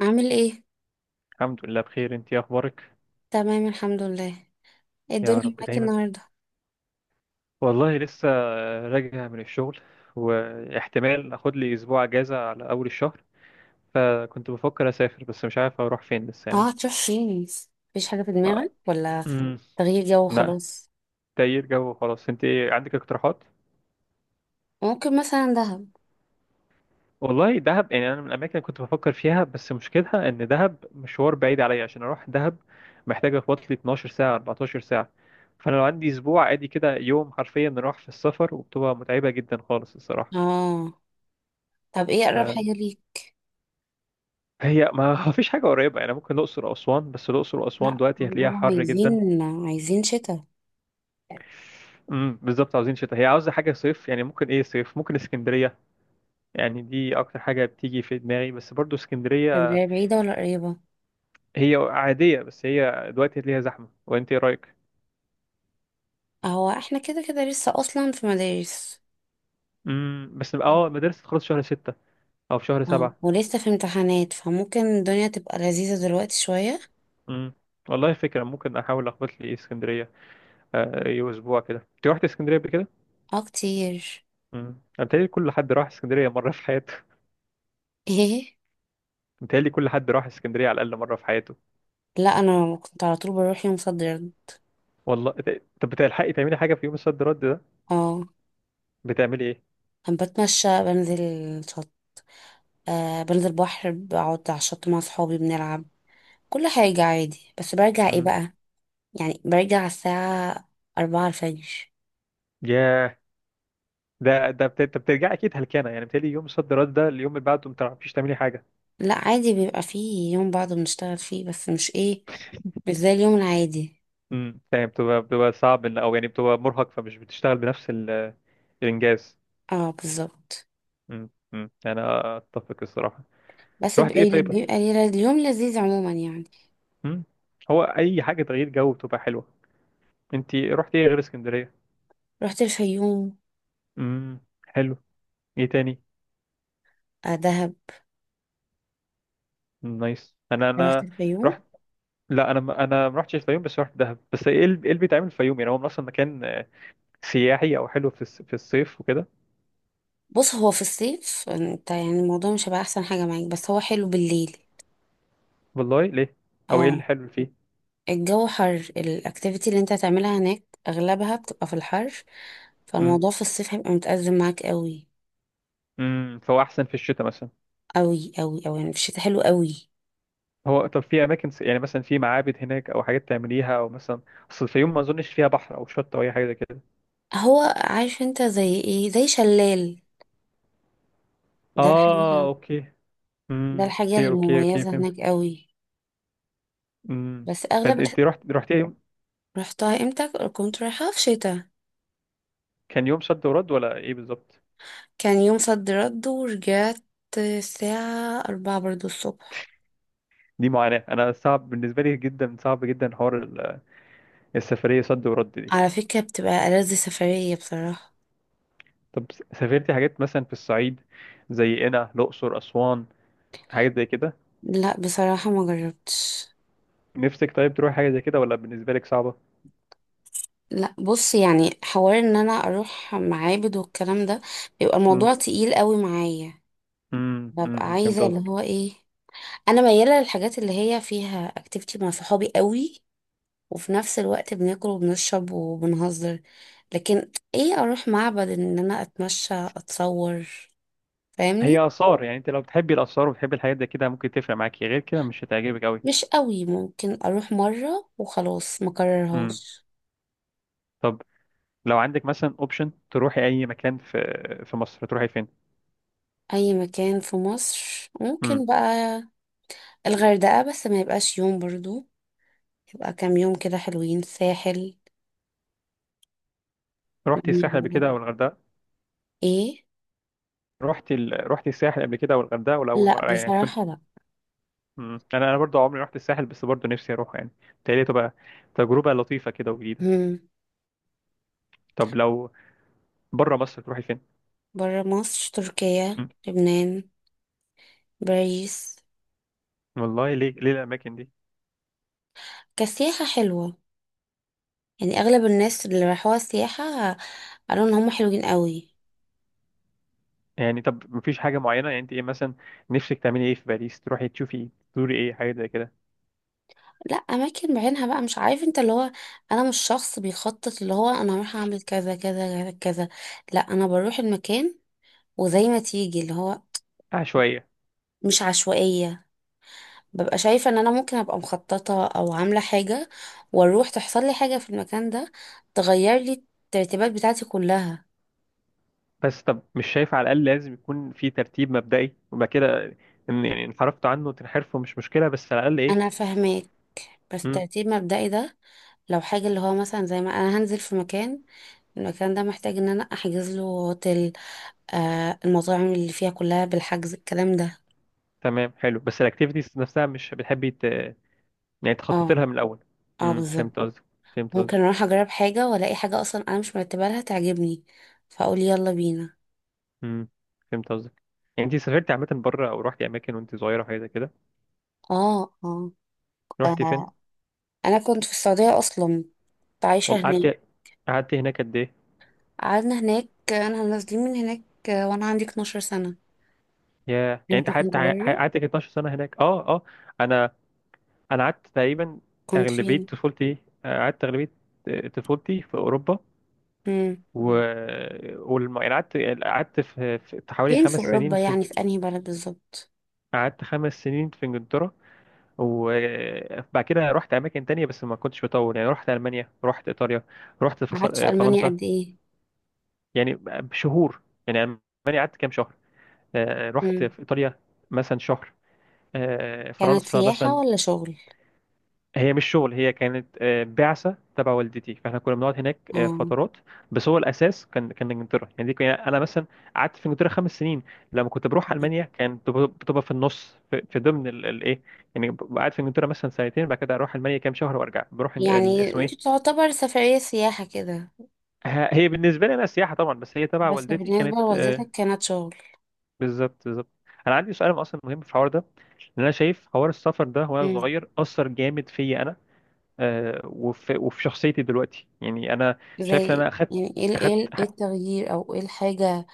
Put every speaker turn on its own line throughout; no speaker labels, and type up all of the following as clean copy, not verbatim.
عامل ايه؟
الحمد لله بخير، انت ايه اخبارك؟
تمام الحمد لله. ايه
يا
الدنيا
رب
معاك
دايما.
النهارده؟
والله لسه راجع من الشغل، واحتمال اخد لي اسبوع اجازة على اول الشهر. فكنت بفكر اسافر، بس مش عارف اروح فين لسه يعني.
اه، هتروح فين؟ مفيش حاجه في دماغك ولا
امم
تغيير جو
لا.
وخلاص؟
تغيير جو وخلاص. انت ايه عندك اقتراحات؟
ممكن مثلا دهب.
والله دهب، يعني انا من الاماكن اللي كنت بفكر فيها، بس مشكلتها ان دهب مشوار بعيد عليا عشان اروح دهب. محتاج اخبط لي 12 ساعة 14 ساعة. فانا لو عندي اسبوع عادي كده يوم حرفيا نروح في السفر، وبتبقى متعبة جدا خالص الصراحة.
اه، طب ايه
ف
اقرب حاجه ليك؟
هي ما فيش حاجة قريبة، يعني ممكن الأقصر وأسوان، بس الأقصر وأسوان
لا،
دلوقتي هتلاقيها
دول
حر جدا.
عايزين شتاء.
بالظبط، عاوزين شتاء. هي عاوزة حاجة صيف، يعني ممكن إيه صيف، ممكن اسكندرية. يعني دي أكتر حاجة بتيجي في دماغي، بس برضو اسكندرية.
اسكندريه بعيده ولا قريبه؟
هي عادية، بس هي دلوقتي هتلاقيها زحمة. وأنت إيه رأيك؟
هو احنا كده كده لسه اصلا في مدارس.
بس اه المدارس تخلص شهر 6 أو في شهر
اه،
سبعة
ولسه في امتحانات، فممكن الدنيا تبقى لذيذه دلوقتي شويه.
امم والله فكرة، ممكن أحاول أخبط لي اسكندرية. آه، أي أسبوع كده. أنت رحت اسكندرية قبل كده؟
اه كتير.
امم أنا بيتهيألي كل حد راح اسكندرية مرة في حياته.
ايه؟
متهيألي كل حد راح اسكندرية على الأقل مرة في حياته.
لا، انا كنت على طول بروح يوم صد رد.
والله طب بتلحقي تعملي حاجة في يوم الصد رد ده؟
اه،
بتعملي ايه؟
أنا بتمشى، بنزل شط. آه، بنزل بحر، بقعد على الشط مع صحابي، بنلعب. كل حاجة عادي، بس برجع ايه
مم.
بقى؟ يعني برجع على الساعة أربعة الفجر.
ياه. انت بترجعي اكيد هلكانة، يعني بتهيألي يوم الصد رد ده اليوم اللي بعده ما بتعرفيش تعملي حاجة.
لا عادي، بيبقى فيه يوم بعض بنشتغل فيه، بس مش ايه، مش زي اليوم العادي.
مم. يعني بتبقى صعب او يعني بتبقى مرهق فمش بتشتغل بنفس الانجاز.
اه بالظبط.
مم. مم. يعني أنا اتفق الصراحة.
بس
رحت ايه
بيبقى,
طيب؟
بيبقى لي- اليوم لذيذ عموما يعني.
مم. هو اي حاجة تغيير جو بتبقى حلوة. انت رحت ايه غير اسكندرية؟
رحت الفيوم.
مم. حلو. ايه تاني؟
آه، دهب.
نايس. انا
رحت
انا
الفيوم.
رحت. لا انا ما رحتش الفيوم، بس رحت دهب. بس ايه اللي إيه اللي بيتعمل في الفيوم، يعني هو اصلا مكان سياحي او حلو في في الصيف وكده؟
بص، هو في الصيف انت يعني الموضوع مش هيبقى احسن حاجة معاك، بس هو حلو بالليل.
والله ليه؟ او ايه
اه.
الحلو اللي فيه؟
الجو حر، الاكتيفيتي اللي انت هتعملها هناك اغلبها بتبقى في الحر،
امم
فالموضوع في الصيف هيبقى متأزم معاك قوي.
فهو احسن في الشتاء مثلا.
قوي يعني في الشتاء حلو قوي.
هو طب في اماكن يعني مثلا في معابد هناك او حاجات تعمليها او مثلا اصل الفيوم ما اظنش فيها بحر او شط او اي حاجه زي كده؟
هو عارف انت زي ايه؟ زي شلال. ده
اه
الحاجة،
اوكي.
ده الحاجة
اوكي اوكي اوكي
المميزة
فهمت.
هناك قوي.
امم
بس اغلب
فانت
الح-
انت رحت يوم.
رحتها امتى؟ كنت رايحة في شتاء.
كان يوم صد ورد ولا ايه بالظبط؟
كان يوم صد رد ورجعت الساعة أربعة برضو الصبح.
دي معاناه. انا صعب بالنسبه لي جدا، صعب جدا حوار السفريه صد ورد دي.
على فكرة بتبقى ألذ سفرية بصراحة.
طب سافرتي حاجات مثلا في الصعيد، زي قنا الأقصر أسوان، حاجات زي كده؟
لا بصراحة ما جربتش.
نفسك طيب تروحي حاجة زي كده ولا بالنسبة لك صعبة؟
لا بص، يعني حوار ان انا اروح معابد والكلام ده بيبقى
امم
موضوع تقيل قوي معايا. ببقى
أمم، فهمت
عايزه اللي
قصدك.
هو ايه، انا مياله للحاجات اللي هي فيها اكتيفيتي مع صحابي قوي، وفي نفس الوقت بناكل وبنشرب وبنهزر. لكن ايه، اروح معبد ان انا اتمشى اتصور؟ فاهمني؟
هي آثار، يعني انت لو بتحبي الآثار وبتحبي الحاجات زي كده ممكن تفرق معاكي، غير كده مش هتعجبك قوي.
مش قوي، ممكن اروح مره وخلاص ما
امم
كررهاش.
طب لو عندك مثلا اوبشن تروحي اي مكان في مصر، تروحي فين؟
اي مكان في مصر
امم
ممكن بقى. الغردقه، بس ما يبقاش يوم برضو، يبقى كام يوم كده حلوين. ساحل.
رحتي
الدنيا
الساحل قبل
بره.
كده او الغردقة؟
ايه؟
رحتي الساحل قبل كده او الغردقة ولا اول
لا
مرة يعني تكون؟
بصراحة، لا.
انا برضه عمري رحت الساحل، بس برضه نفسي اروح يعني. بتهيألي تبقى تجربة لطيفة كده وجديدة.
مم.
طب لو بره مصر تروحي فين؟
بره مصر تركيا،
مم.
لبنان، باريس.
والله ليه الاماكن دي؟
كسياحة حلوة، يعني اغلب الناس اللي راحوها سياحة قالوا ان هم حلوين قوي.
يعني طب مفيش حاجه معينه، يعني انت ايه مثلا نفسك تعملي ايه في باريس، تروحي تشوفي ايه، تزوري ايه، حاجه زي كده؟
لا اماكن بعينها بقى مش عارف، انت اللي هو، انا مش شخص بيخطط اللي هو انا هروح اعمل كذا كذا كذا كذا. لا انا بروح المكان وزي ما تيجي اللي هو.
عشوائيه؟
مش عشوائية، ببقى شايفة ان انا ممكن ابقى مخططة او عاملة حاجة، واروح تحصل لي حاجة في المكان ده تغير لي الترتيبات بتاعتي كلها.
بس طب مش شايفه على الاقل لازم يكون في ترتيب مبدئي وبعد كده يعني انحرفت عنه وتنحرفه مش مشكله بس على الاقل ايه؟
انا فاهماك، بس
مم.
ترتيب مبدئي ده لو حاجة اللي هو مثلا زي ما انا هنزل في مكان، المكان ده محتاج ان انا احجز له هوتيل. آه، المطاعم اللي فيها كلها بالحجز الكلام ده.
تمام حلو، بس الاكتيفيتيز نفسها مش بتحبي يعني تخططي
اه
لها من الاول؟
اه
مم.
بالظبط.
فهمت قصدك. فهمت
ممكن
قصدك.
اروح اجرب حاجة والاقي حاجة اصلا انا مش مرتبة لها تعجبني، فاقول يلا بينا.
مم. فهمت قصدك. يعني انت سافرتي عامه بره او رحتي اماكن وانت صغيره حاجه زي كده؟
اه.
رحتي فين؟
آه. انا كنت في السعودية اصلا، كنت عايشة
والله
هناك.
قعدت هناك قد ايه؟
قعدنا هناك، انا نازلين من هناك وانا عندي 12 سنة.
يا، يعني
انت
انت قعدت
كنت بره؟
قعدت 12 سنه هناك. اه اه. انا انا قعدت تقريبا
كنت
اغلبيه
فين؟
طفولتي. قعدت اغلبيه طفولتي في اوروبا.
امم،
و يعني قعدت في حوالي
فين في
5 سنين
اوروبا
في.
يعني، في انهي بلد بالظبط؟
قعدت 5 سنين في انجلترا. وبعد كده رحت اماكن تانية بس ما كنتش بطول، يعني رحت المانيا رحت ايطاليا رحت
قعدت في المانيا
فرنسا.
قد ايه؟
يعني بشهور. يعني المانيا قعدت كام شهر. رحت
امم.
في ايطاليا مثلا شهر.
كانت
فرنسا
سياحة
مثلا.
ولا شغل؟
هي مش شغل، هي كانت بعثة تبع والدتي، فاحنا كنا بنقعد هناك
اه،
فترات. بس هو الأساس كان إنجلترا، يعني دي كان أنا مثلا قعدت في إنجلترا 5 سنين. لما كنت بروح ألمانيا كان بتبقى في النص في ضمن الإيه. يعني ببقى قاعد في إنجلترا مثلا سنتين، بعد كده أروح ألمانيا كام شهر، وأرجع بروح
يعني
اسمه
دي
إيه.
تعتبر سفرية سياحة كده؟
هي بالنسبة لي أنا سياحة طبعا، بس هي تبع
بس
والدتي
بالنسبة
كانت
لوالدتك كانت شغل.
بالظبط بالظبط. أنا عندي سؤال أصلا مهم في الحوار ده، لأن أنا شايف حوار السفر ده وأنا
امم.
صغير أثر جامد فيا أنا. وفي شخصيتي دلوقتي، يعني انا شايف ان
زي
انا
يعني ايه
اخدت ه-
التغيير، او ايه الحاجة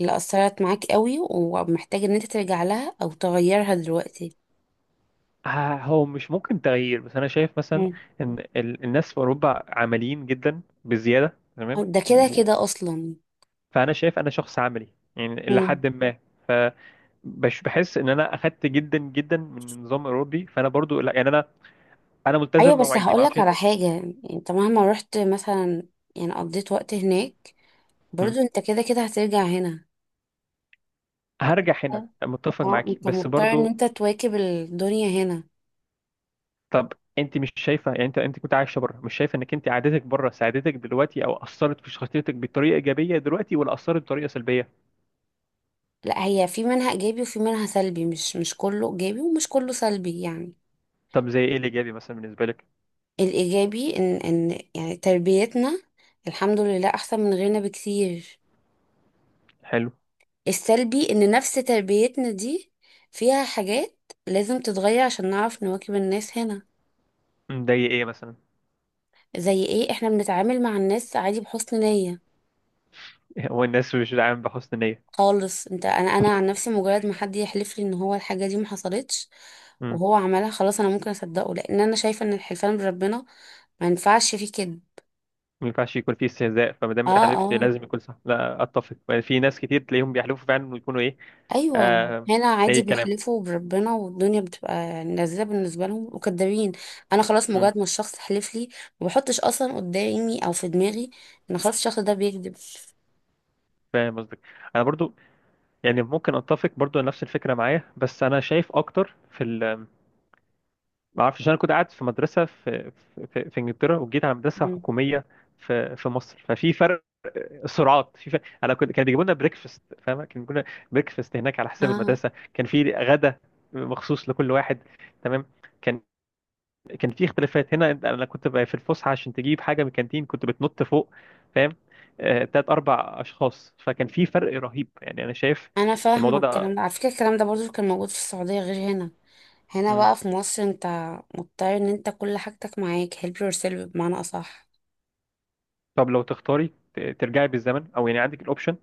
اللي أثرت معاك قوي ومحتاج ان انت ترجع لها او تغيرها دلوقتي؟
هو مش ممكن تغيير، بس انا شايف مثلا ان الناس في اوروبا عمليين جدا بزياده، تمام
ده كده كده اصلا.
فانا شايف انا شخص عملي، يعني الى
امم.
حد ما. فبش بحس ان انا اخدت جدا جدا من النظام الاوروبي، فانا برضو لا يعني انا ملتزم
ايوه بس
بمواعيدي، ما
هقولك
اعرفش.
على حاجه، يعني انت مهما رحت مثلا، يعني قضيت وقت هناك، برضو انت كده كده هترجع هنا.
هرجع هنا، متفق
اه،
معاكي،
انت
بس
مضطر ان
برضو.
انت تواكب الدنيا هنا.
طب انت مش شايفه، يعني انت كنت عايشه بره، مش شايفه انك انت عادتك بره ساعدتك دلوقتي او اثرت في شخصيتك بطريقه ايجابيه دلوقتي، ولا اثرت بطريقه سلبيه؟
لا هي في منها ايجابي وفي منها سلبي، مش كله ايجابي ومش كله سلبي يعني.
طب زي ايه الايجابي مثلا بالنسبه لك؟
الايجابي ان يعني تربيتنا الحمد لله احسن من غيرنا بكتير.
حلو.
السلبي ان نفس تربيتنا دي فيها حاجات لازم تتغير عشان نعرف نواكب الناس هنا.
مضايق ايه مثلا؟
زي ايه؟ احنا بنتعامل مع الناس عادي بحسن نية
هو الناس مش داعم بحسن نيه؟
خالص. انت انا عن نفسي، مجرد ما حد يحلف لي ان هو الحاجة دي ما حصلتش
امم
وهو عملها، خلاص انا ممكن اصدقه، لان انا شايفة ان الحلفان بربنا ما ينفعش فيه كده.
ما ينفعش يكون فيه استهزاء، فما دام
اه
انت حلفت
اه
لازم يكون صح. لا اتفق، يعني في ناس كتير تلاقيهم بيحلفوا فعلا، ويكونوا ايه؟
ايوه،
آه.
هنا عادي
اي كلام.
بيحلفوا بربنا والدنيا بتبقى يعني لذيذة بالنسبة لهم، وكدابين. انا خلاص
امم
مجرد ما الشخص حلف لي، ما بحطش اصلا قدامي او في دماغي ان خلاص الشخص ده بيكذب.
فاهم قصدك. انا برضو، يعني ممكن اتفق برضو على نفس الفكره معايا، بس انا شايف اكتر في ما اعرفش. انا كنت قاعد في مدرسه في في انجلترا، وجيت على مدرسه
مم.
حكوميه في مصر، ففي فرق سرعات، في فرق. انا كنت كان بيجيبوا لنا بريكفاست، فاهمه؟ كان بيجيبوا لنا بريكفاست هناك على حساب
اه،
المدرسه. كان في غدا مخصوص لكل واحد. تمام. كان كان في اختلافات. هنا انا كنت بقى في الفسحه عشان تجيب حاجه من الكانتين كنت بتنط فوق، فاهم؟ تلات اربع اشخاص. فكان في فرق رهيب، يعني انا شايف
انا فاهمه
الموضوع ده.
الكلام ده، على فكره الكلام ده برضو كان موجود في السعوديه غير هنا. هنا
مم.
بقى في مصر انت مضطر ان انت كل حاجتك معاك، help yourself بمعنى اصح.
طب لو تختاري ترجعي بالزمن، او يعني عندك الاوبشن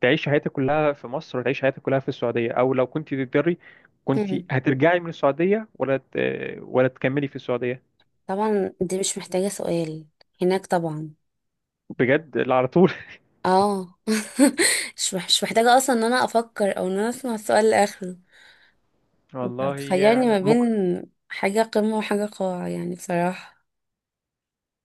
تعيش حياتك كلها في مصر وتعيش حياتك كلها في السعودية، أو لو كنت تقدري كنت
هم.
هترجعي من السعودية ولا تكملي في السعودية؟
طبعا دي مش محتاجه سؤال، هناك طبعا.
بجد؟ لا، على طول.
اه. مش محتاجه اصلا ان انا افكر او ان انا اسمع السؤال لاخره. انت
والله
بتخيرني ما
يا
بين
ممكن.
حاجه قمه وحاجه قاع يعني بصراحه.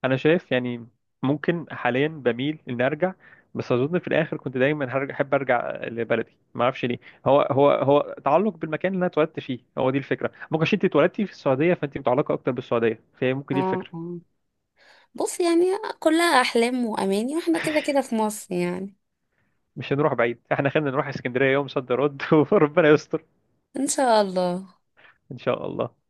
أنا شايف، يعني ممكن حاليا بميل إن أرجع، بس أظن في الآخر كنت دايما هرجع، أحب أرجع لبلدي، ما أعرفش ليه. هو تعلق بالمكان اللي أنا اتولدت فيه، هو دي الفكرة، ممكن عشان أنت اتولدتي في السعودية فأنت متعلقة أكتر بالسعودية، فهي ممكن دي
اه
الفكرة.
اه بص يعني كلها احلام واماني، واحنا كده كده في مصر يعني.
مش هنروح بعيد، إحنا خلينا نروح اسكندرية يوم صد رد وربنا يستر.
ان شاء الله.
إن شاء الله.